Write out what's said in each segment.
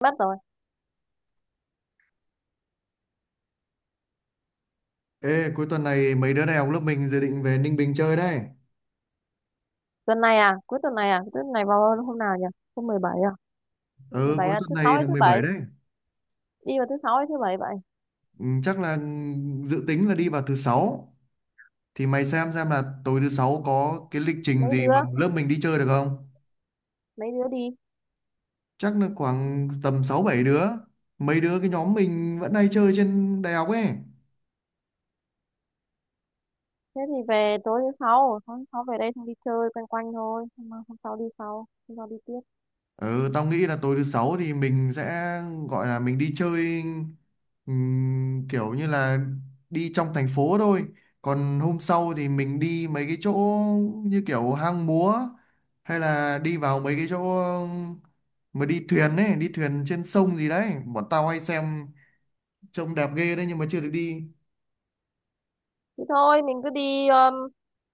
Mất rồi. Ê, cuối tuần này mấy đứa đại học lớp mình dự định về Ninh Bình chơi đấy. Tuần này à? Cuối tuần này à? Cuối tuần này vào hôm nào nhỉ? Hôm 17 à? Mười Ừ, bảy cuối à? tuần Thứ sáu này hay là thứ mười bảy? bảy đấy. Đi vào thứ sáu hay thứ bảy vậy? Ừ, chắc là dự tính là đi vào thứ sáu. Thì mày xem là tối thứ sáu có cái lịch trình Mấy gì mà đứa? lớp mình đi chơi được không? Mấy đứa đi? Chắc là khoảng tầm 6 7 đứa. Mấy đứa cái nhóm mình vẫn hay chơi trên đại học ấy. Thế thì về tối thứ sáu, hôm sáu về đây xong đi chơi quanh quanh thôi, hôm sau đi sau, hôm sau đi tiếp. Ừ, tao nghĩ là tối thứ sáu thì mình sẽ gọi là mình đi chơi, kiểu như là đi trong thành phố thôi. Còn hôm sau thì mình đi mấy cái chỗ như kiểu hang múa, hay là đi vào mấy cái chỗ mà đi thuyền ấy, đi thuyền trên sông gì đấy. Bọn tao hay xem trông đẹp ghê đấy nhưng mà chưa được đi. Thế thôi, mình cứ đi,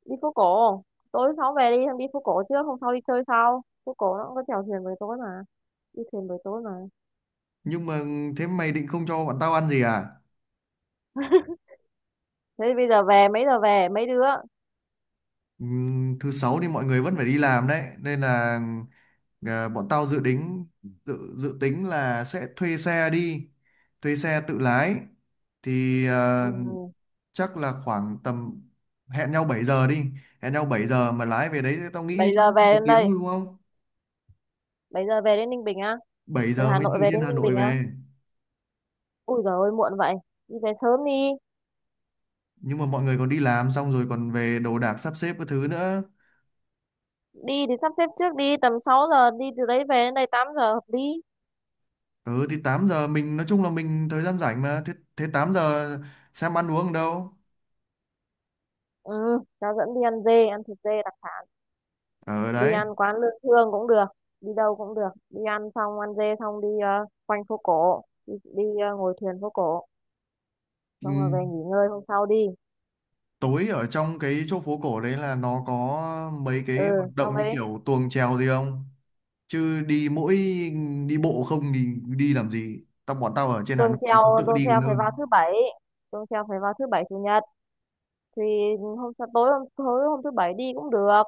đi phố cổ. Tối thứ sáu về đi, xong đi phố cổ trước, hôm sau đi chơi sau. Phố cổ nó cũng có chèo thuyền buổi tối mà, đi thuyền buổi tối mà. Nhưng mà thế mày định không cho bọn tao ăn gì à? Thế thì bây giờ về mấy đứa? Thứ sáu thì mọi người vẫn phải đi làm đấy nên là bọn tao dự tính, dự dự tính là sẽ thuê xe đi, thuê xe tự lái thì Ừ. Chắc là khoảng tầm, hẹn nhau 7 giờ đi, hẹn nhau 7 giờ mà lái về đấy tao nghĩ 7 chắc giờ về một đến tiếng đây, thôi đúng không. 7 giờ về đến Ninh Bình à? bảy Từ giờ Hà mới Nội từ về trên đến Hà Ninh Nội Bình á, về, ui giời ơi muộn vậy, đi về sớm đi. nhưng mà mọi người còn đi làm xong rồi còn về đồ đạc sắp xếp các thứ nữa. Đi thì sắp xếp trước đi, tầm 6 giờ đi từ đấy về đến đây 8 giờ hợp lý. Ừ thì 8 giờ mình nói chung là mình thời gian rảnh mà. Thế 8 giờ xem ăn uống ở đâu, Ừ, cháu dẫn đi ăn dê, ăn thịt dê đặc, ở đi đấy. ăn quán Lương Thương cũng được, đi đâu cũng được, đi ăn xong ăn dê xong đi, quanh phố cổ đi, đi, ngồi thuyền phố cổ, xong rồi về Ừm, nghỉ ngơi hôm sau đi. tối ở trong cái chỗ phố cổ đấy là nó có mấy Ừ, cái hoạt xong động như đấy. kiểu tuồng chèo gì không? Chứ đi mỗi đi bộ không thì đi làm gì? Tao, bọn tao ở trên Hà tuồng Nội treo tao tự tuồng đi treo còn phải vào hơn. thứ bảy, tuồng treo phải vào thứ bảy chủ nhật thì hôm sau tối hôm thứ bảy đi cũng được,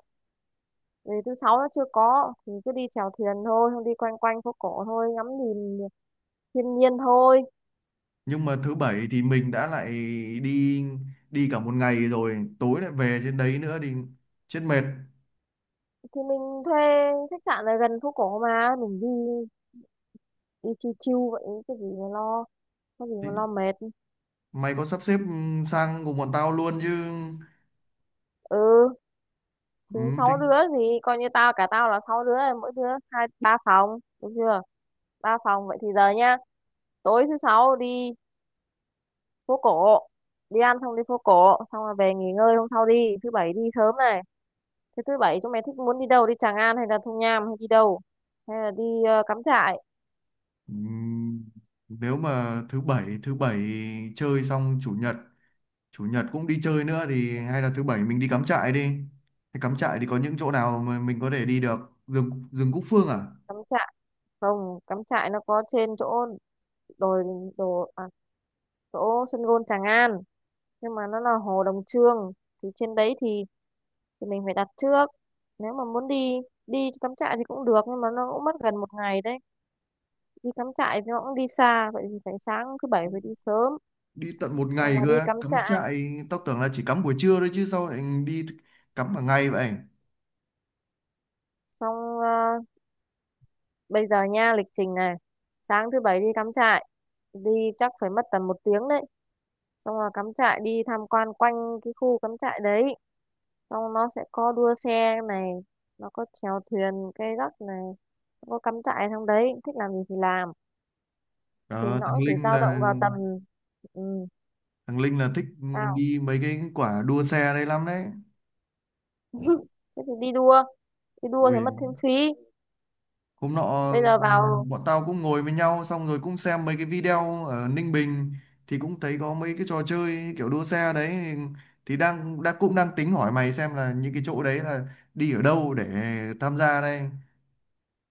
vì thứ sáu nó chưa có thì cứ đi chèo thuyền thôi, không đi quanh quanh phố cổ thôi, ngắm nhìn thiên nhiên thôi. Nhưng mà thứ bảy thì mình đã lại đi đi cả một ngày rồi, tối lại về trên đấy nữa thì chết mệt. Thì mình thuê khách sạn ở gần phố cổ mà mình đi, đi chill chill vậy, cái gì mà lo, có gì Thì mà lo mệt. mày có sắp xếp sang cùng bọn tao luôn chứ? Ừ, Ừ, thì sáu thích. đứa thì coi như tao cả tao là sáu đứa rồi, mỗi đứa hai ba phòng được chưa, ba phòng vậy thì giờ nhá. Tối thứ sáu đi phố cổ, đi ăn xong đi phố cổ xong rồi về nghỉ ngơi, hôm sau đi thứ bảy đi sớm này. Thế thứ bảy chúng mày thích muốn đi đâu, đi Tràng An hay là Thung Nham hay đi đâu? Hay là đi Ừ, nếu mà thứ bảy chơi xong, chủ nhật cũng đi chơi nữa thì hay là thứ bảy mình đi cắm trại đi. Thế cắm trại thì có những chỗ nào mà mình có thể đi được? Rừng rừng Cúc Phương à? cắm trại không, cắm trại nó có trên chỗ đồi đồ à, chỗ sân gôn Tràng An nhưng mà nó là hồ Đồng Trương, thì trên đấy thì mình phải đặt trước. Nếu mà muốn đi đi cắm trại thì cũng được nhưng mà nó cũng mất gần một ngày đấy. Đi cắm trại thì nó cũng đi xa vậy thì phải sáng thứ bảy phải đi sớm Đi tận một xong ngày rồi cơ đi á. cắm Cắm trại. trại tao tưởng là chỉ cắm buổi trưa thôi chứ sao lại đi cắm cả ngày vậy? xong ờ, Bây giờ nha lịch trình này: sáng thứ bảy đi cắm trại, đi chắc phải mất tầm một tiếng đấy, xong rồi cắm trại đi tham quan quanh cái khu cắm trại đấy, xong nó sẽ có đua xe này, nó có chèo thuyền cây gác này, nó có cắm trại trong đấy thích làm gì thì làm, thì Ờ, nó thằng cũng chỉ Linh dao là, động vào tầm, ừ, thằng Linh thích sao đi mấy cái quả đua xe đây lắm đấy. thế thì đi đua, đi đua thì Ui, mất thêm phí. hôm nọ Bây giờ vào bọn tao cũng ngồi với nhau xong rồi cũng xem mấy cái video ở Ninh Bình thì cũng thấy có mấy cái trò chơi kiểu đua xe đấy, thì đang đã cũng đang tính hỏi mày xem là những cái chỗ đấy là đi ở đâu để tham gia đây.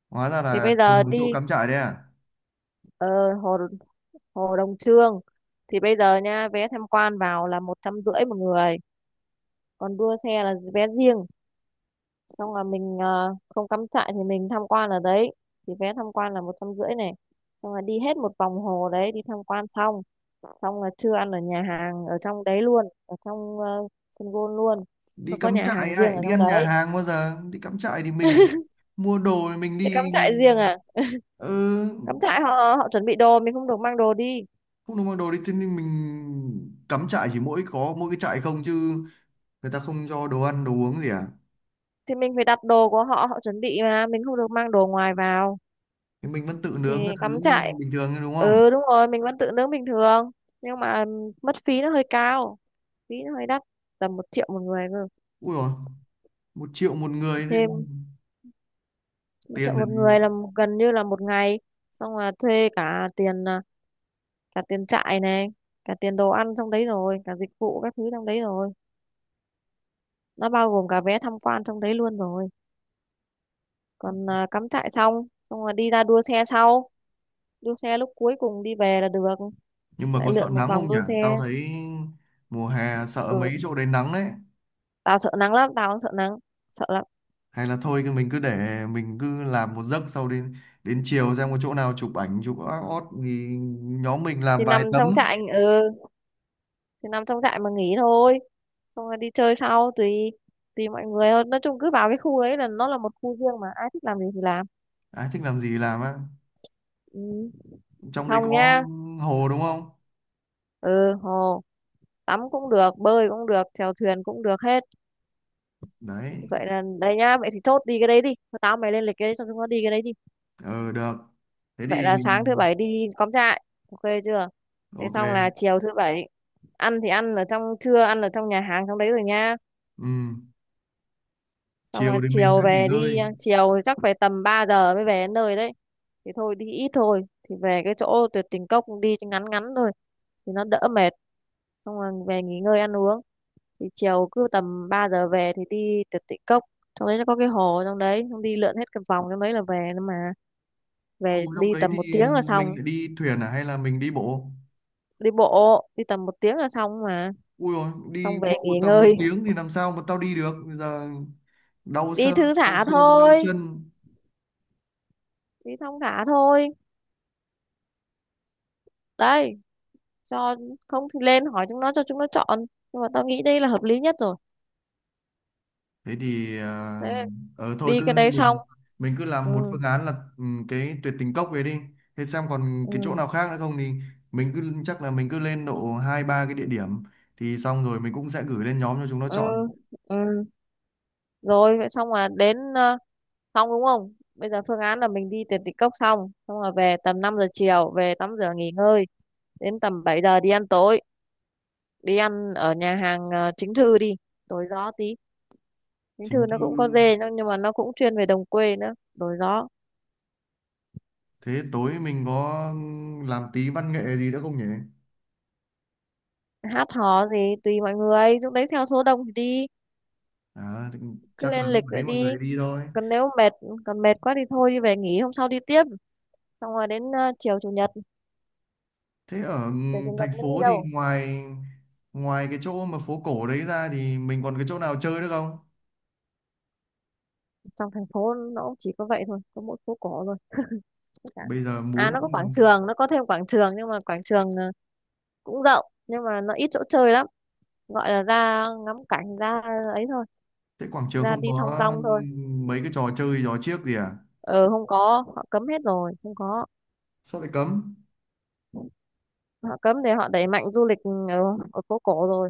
Hóa ra thì là bây giờ cùng một chỗ đi cắm trại đấy à? ờ, hồ hồ Đồng Trương, thì bây giờ nha, vé tham quan vào là một trăm rưỡi một người, còn đua xe là vé riêng. Xong là mình không cắm trại thì mình tham quan ở đấy, thì vé tham quan là một trăm rưỡi này, xong là đi hết một vòng hồ đấy đi tham quan xong, xong là trưa ăn ở nhà hàng ở trong đấy luôn, ở trong sân golf luôn. Đi Nó có cắm nhà trại hàng riêng ấy, ở đi trong ăn nhà đấy hàng bao giờ? Đi cắm trại thì mình mua đồ thì mình để cắm đi. trại riêng à. Ừ, Cắm trại họ, họ chuẩn bị đồ, mình không được mang đồ đi, không được mua đồ đi, thế nên mình cắm trại chỉ mỗi có mỗi cái trại không chứ, người ta không cho đồ ăn đồ uống gì à? thì mình phải đặt đồ của họ, họ chuẩn bị mà mình không được mang đồ ngoài vào. Thì mình vẫn tự Thì nướng cái thứ cắm trại, bình thường thôi, đúng không? ừ đúng rồi mình vẫn tự nướng bình thường, nhưng mà ừ, mất phí nó hơi cao, phí nó hơi đắt, tầm một triệu một người cơ. Ui rồi, 1 triệu một người thì Thêm một triệu tiền một là- người là gần như là một ngày, xong là thuê cả tiền, cả tiền trại này, cả tiền đồ ăn trong đấy rồi, cả dịch vụ các thứ trong đấy rồi, nó bao gồm cả vé tham quan trong đấy luôn rồi. Còn à, cắm trại xong xong là đi ra đua xe sau, đua xe lúc cuối cùng đi về là được, Nhưng mà lại có sợ lượn một nắng không vòng nhỉ? đua xe. Tao thấy mùa hè sợ mấy Ừ, chỗ đấy nắng đấy. tao sợ nắng lắm, tao không sợ nắng, sợ lắm. Hay là thôi thì mình cứ để mình cứ làm một giấc, sau đến đến chiều xem có chỗ nào chụp ảnh chụp ót ót thì nhóm mình Thì làm vài nằm trong tấm. trại, ừ thì nằm trong trại mà nghỉ thôi, xong rồi đi chơi sau, tùy, tùy mọi người hơn, nói chung cứ vào cái khu đấy là nó là một khu riêng mà ai thích làm gì thì làm. Ai thích làm gì làm á? Ừ. Trong đấy Xong có nhá. hồ đúng không? Ừ, hồ tắm cũng được, bơi cũng được, chèo thuyền cũng được hết. Đấy, Vậy là đây nhá, vậy thì chốt đi cái đấy đi. Thôi tao mày lên lịch cái đấy cho chúng nó đi cái đấy đi. ờ được. Thế Vậy là thì sáng thứ bảy đi cắm trại, ok chưa. Thế ok. xong là chiều thứ bảy, ăn thì ăn ở trong, trưa ăn ở trong nhà hàng trong đấy rồi nha. Ừ, Xong rồi chiều thì mình sẽ chiều nghỉ về đi, ngơi. chiều thì chắc phải tầm 3 giờ mới về đến nơi đấy, thì thôi đi ít thôi, thì về cái chỗ tuyệt tình cốc đi cho ngắn ngắn thôi, thì nó đỡ mệt, xong rồi về nghỉ ngơi ăn uống. Thì chiều cứ tầm 3 giờ về thì đi tuyệt tình cốc, trong đấy nó có cái hồ trong đấy, xong đi lượn hết cái vòng trong đấy là về nữa mà, Hồi về trong đi đấy tầm một thì tiếng là mình xong. phải đi thuyền à hay là mình đi bộ? Đi bộ đi tầm một tiếng là xong mà, Ui rồi, xong đi về bộ nghỉ tầm một ngơi, tiếng thì làm sao mà tao đi được? Bây giờ đau đi xương, thư đau thả xương, đau thôi, chân. đi thong thả thôi đấy, cho, không thì lên hỏi chúng nó cho chúng nó chọn, nhưng mà tao nghĩ đây là hợp lý nhất rồi. Thế thì à, Thế ờ thôi đi cái cứ đấy xong, mình cứ ừ, làm một phương án là ừ, cái tuyệt tình cốc về đi. Thế xem còn cái chỗ ừ, nào khác nữa không thì mình cứ, chắc là mình cứ lên độ hai ba cái địa điểm, thì xong rồi mình cũng sẽ gửi lên nhóm cho chúng nó ừ, chọn. ừ rồi. Vậy xong là đến, xong đúng không, bây giờ phương án là mình đi tiền tịch cốc xong xong rồi về tầm 5 giờ chiều, về tắm rửa nghỉ ngơi, đến tầm 7 giờ đi ăn tối, đi ăn ở nhà hàng chính thư đi, đổi gió tí, chính thư Chính nó cũng có thư, dê nhưng mà nó cũng chuyên về đồng quê nữa, đổi gió. thế tối mình có ừ, làm tí văn nghệ gì nữa không nhỉ? Hát hò gì tùy mọi người lúc đấy, theo số đông thì đi, Đó, thì cứ chắc lên là lúc lịch đấy vậy mọi đi. người đi thôi. Còn nếu mệt, còn mệt quá thì thôi đi về nghỉ hôm sau đi tiếp. Xong rồi đến chiều chủ nhật, Thế ở chiều chủ nhật thành muốn đi phố thì đâu. ngoài, ngoài cái chỗ mà phố cổ đấy ra thì mình còn cái chỗ nào chơi nữa không? Trong thành phố nó cũng chỉ có vậy thôi, có mỗi phố cổ thôi, tất cả. Bây giờ muốn, À nó có quảng trường, nó có thêm quảng trường nhưng mà quảng trường cũng rộng nhưng mà nó ít chỗ chơi lắm, gọi là ra ngắm cảnh ra ấy thôi, thế quảng trường ra không đi thong có dong thôi. mấy cái trò chơi trò chiếc gì à? Ờ không có, họ cấm hết rồi, không có. Sao lại cấm? Họ cấm thì họ đẩy mạnh du lịch ở, ở phố cổ rồi.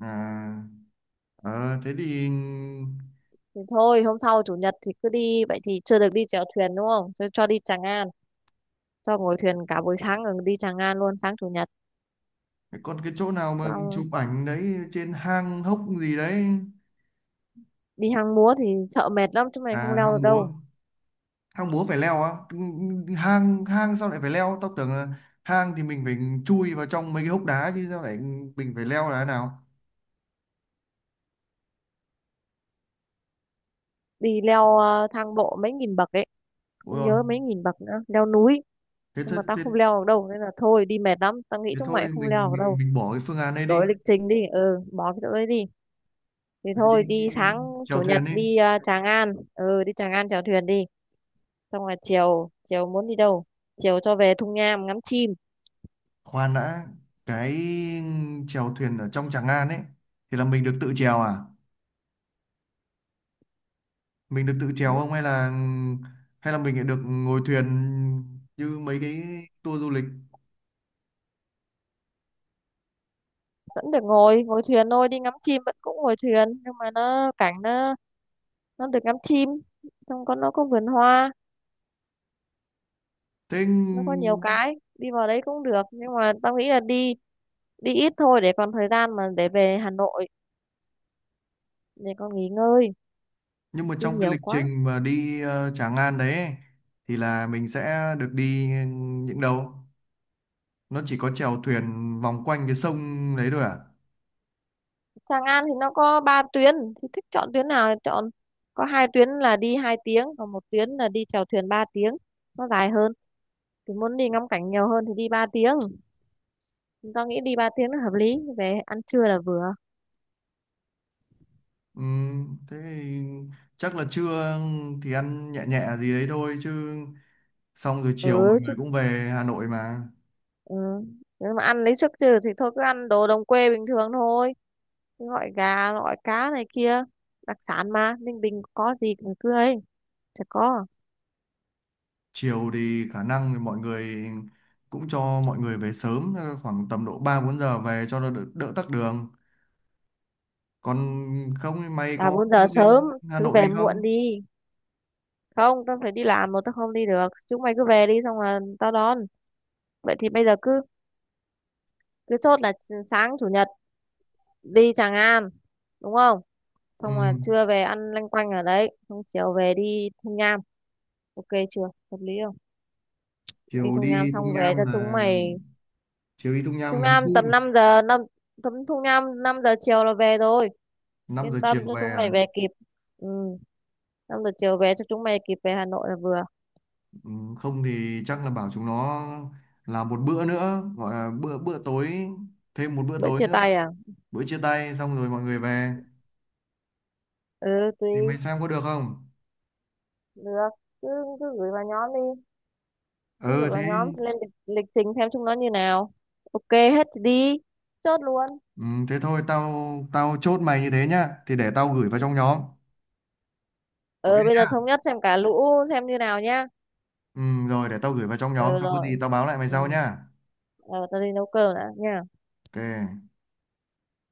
À, ờ, thế thì Thì thôi hôm sau chủ nhật thì cứ đi vậy, thì chưa được đi chèo thuyền đúng không, cho, cho đi Tràng An, cho ngồi thuyền cả buổi sáng rồi đi Tràng An luôn sáng chủ nhật. còn cái chỗ nào mà Xong chụp ảnh đấy trên hang hốc gì đấy? đi hang múa thì sợ mệt lắm, chỗ này À, không leo hang được múa, đâu, hang múa phải leo á? Ừ, hang hang sao lại phải leo, tao tưởng là hang thì mình phải chui vào trong mấy cái hốc đá chứ, sao lại mình phải leo là thế nào? đi leo thang bộ mấy nghìn bậc ấy, Ôi không rồi, nhớ mấy nghìn bậc nữa, leo núi, thế, nhưng thế, mà tao thế, không leo được đâu nên là thôi, đi mệt lắm, tao nghĩ thế chúng mày thôi không leo mình, được mình đâu. mình bỏ cái phương án này Đổi đi. lịch trình đi, ừ bỏ cái chỗ đấy đi. Thì Mình đi thôi đi sáng chèo chủ nhật thuyền đi. đi Tràng An, ừ đi Tràng An chèo thuyền đi, xong rồi chiều, chiều muốn đi đâu. Chiều cho về Thung Nham ngắm chim. Khoan đã, cái chèo thuyền ở trong Tràng An ấy thì là mình được tự chèo à, mình được tự chèo Ừ, không hay là, hay là mình lại được ngồi thuyền như mấy cái tour du lịch vẫn được ngồi, ngồi thuyền thôi, đi ngắm chim vẫn cũng ngồi thuyền, nhưng mà nó cảnh nó được ngắm chim, xong có nó có vườn hoa, thế? nó có nhiều cái, đi vào đấy cũng được nhưng mà tao nghĩ là đi, đi ít thôi để còn thời gian mà để về Hà Nội, để con nghỉ ngơi, Nhưng mà đi trong cái nhiều lịch quá. trình mà đi Tràng An đấy ấy, thì là mình sẽ được đi những đâu? Nó chỉ có chèo thuyền vòng quanh cái sông đấy thôi à? Tràng An thì nó có ba tuyến, thì thích chọn tuyến nào thì chọn, có hai tuyến là đi hai tiếng còn một tuyến là đi chèo thuyền ba tiếng, nó dài hơn, thì muốn đi ngắm cảnh nhiều hơn thì đi ba tiếng, tao nghĩ đi ba tiếng là hợp lý, về ăn trưa là vừa. Thế thì chắc là trưa thì ăn nhẹ nhẹ gì đấy thôi chứ, xong rồi chiều mọi Ừ, chứ, người cũng về Hà Nội mà. ừ. Nếu mà ăn lấy sức chứ thì thôi cứ ăn đồ đồng quê bình thường thôi, gọi gà gọi cá này kia, đặc sản mà Ninh Bình có gì cũng tươi, chả có. Chiều thì khả năng thì mọi người cũng cho mọi người về sớm khoảng tầm độ 3 4 giờ về cho nó đỡ, đỡ tắc đường. Còn không thì mày Bà có bốn giờ sớm lên Hà chứ, về Nội muộn không? đi, không tao phải đi làm mà, tao không đi được, chúng mày cứ về đi xong là tao đón. Vậy thì bây giờ cứ, cứ chốt là sáng chủ nhật đi Tràng An, đúng không, Ừ. xong là trưa về ăn lanh quanh ở đấy, xong chiều về đi Thung Nham, ok chưa, hợp lý không. Đi Chiều Thung Nham đi Tung xong về Nham cho chúng là, mày, chiều đi Tung Thung Nham ngắm Nham chim. tầm 5 giờ, năm tầm Thung Nham 5 giờ chiều là về rồi, 5 giờ yên tâm chiều cho về chúng à? mày về kịp. Ừ, năm giờ chiều về cho chúng mày kịp về Hà Nội là vừa. Ừ, không thì chắc là bảo chúng nó làm một bữa nữa gọi là bữa bữa tối, thêm một bữa Bữa tối chia nữa, tay à. bữa chia tay xong rồi mọi người về. Ừ, tùy. Thì mày xem có được không? Được, cứ, cứ gửi vào nhóm đi, cứ gửi Ừ thế, vào nhóm lên lịch, lịch trình xem chúng nó như nào, ok hết thì đi, chốt luôn. ừ, thế thôi tao, tao chốt mày như thế nhá, thì để tao gửi vào trong nhóm. Ok Ừ bây giờ thống nhá. nhất xem cả lũ xem như nào nhá. Ừ, rồi để tao gửi vào trong nhóm Ừ xong có gì rồi. tao báo lại mày Ừ. sau nhá. Ờ tao đi nấu cơm đã nha. Ok.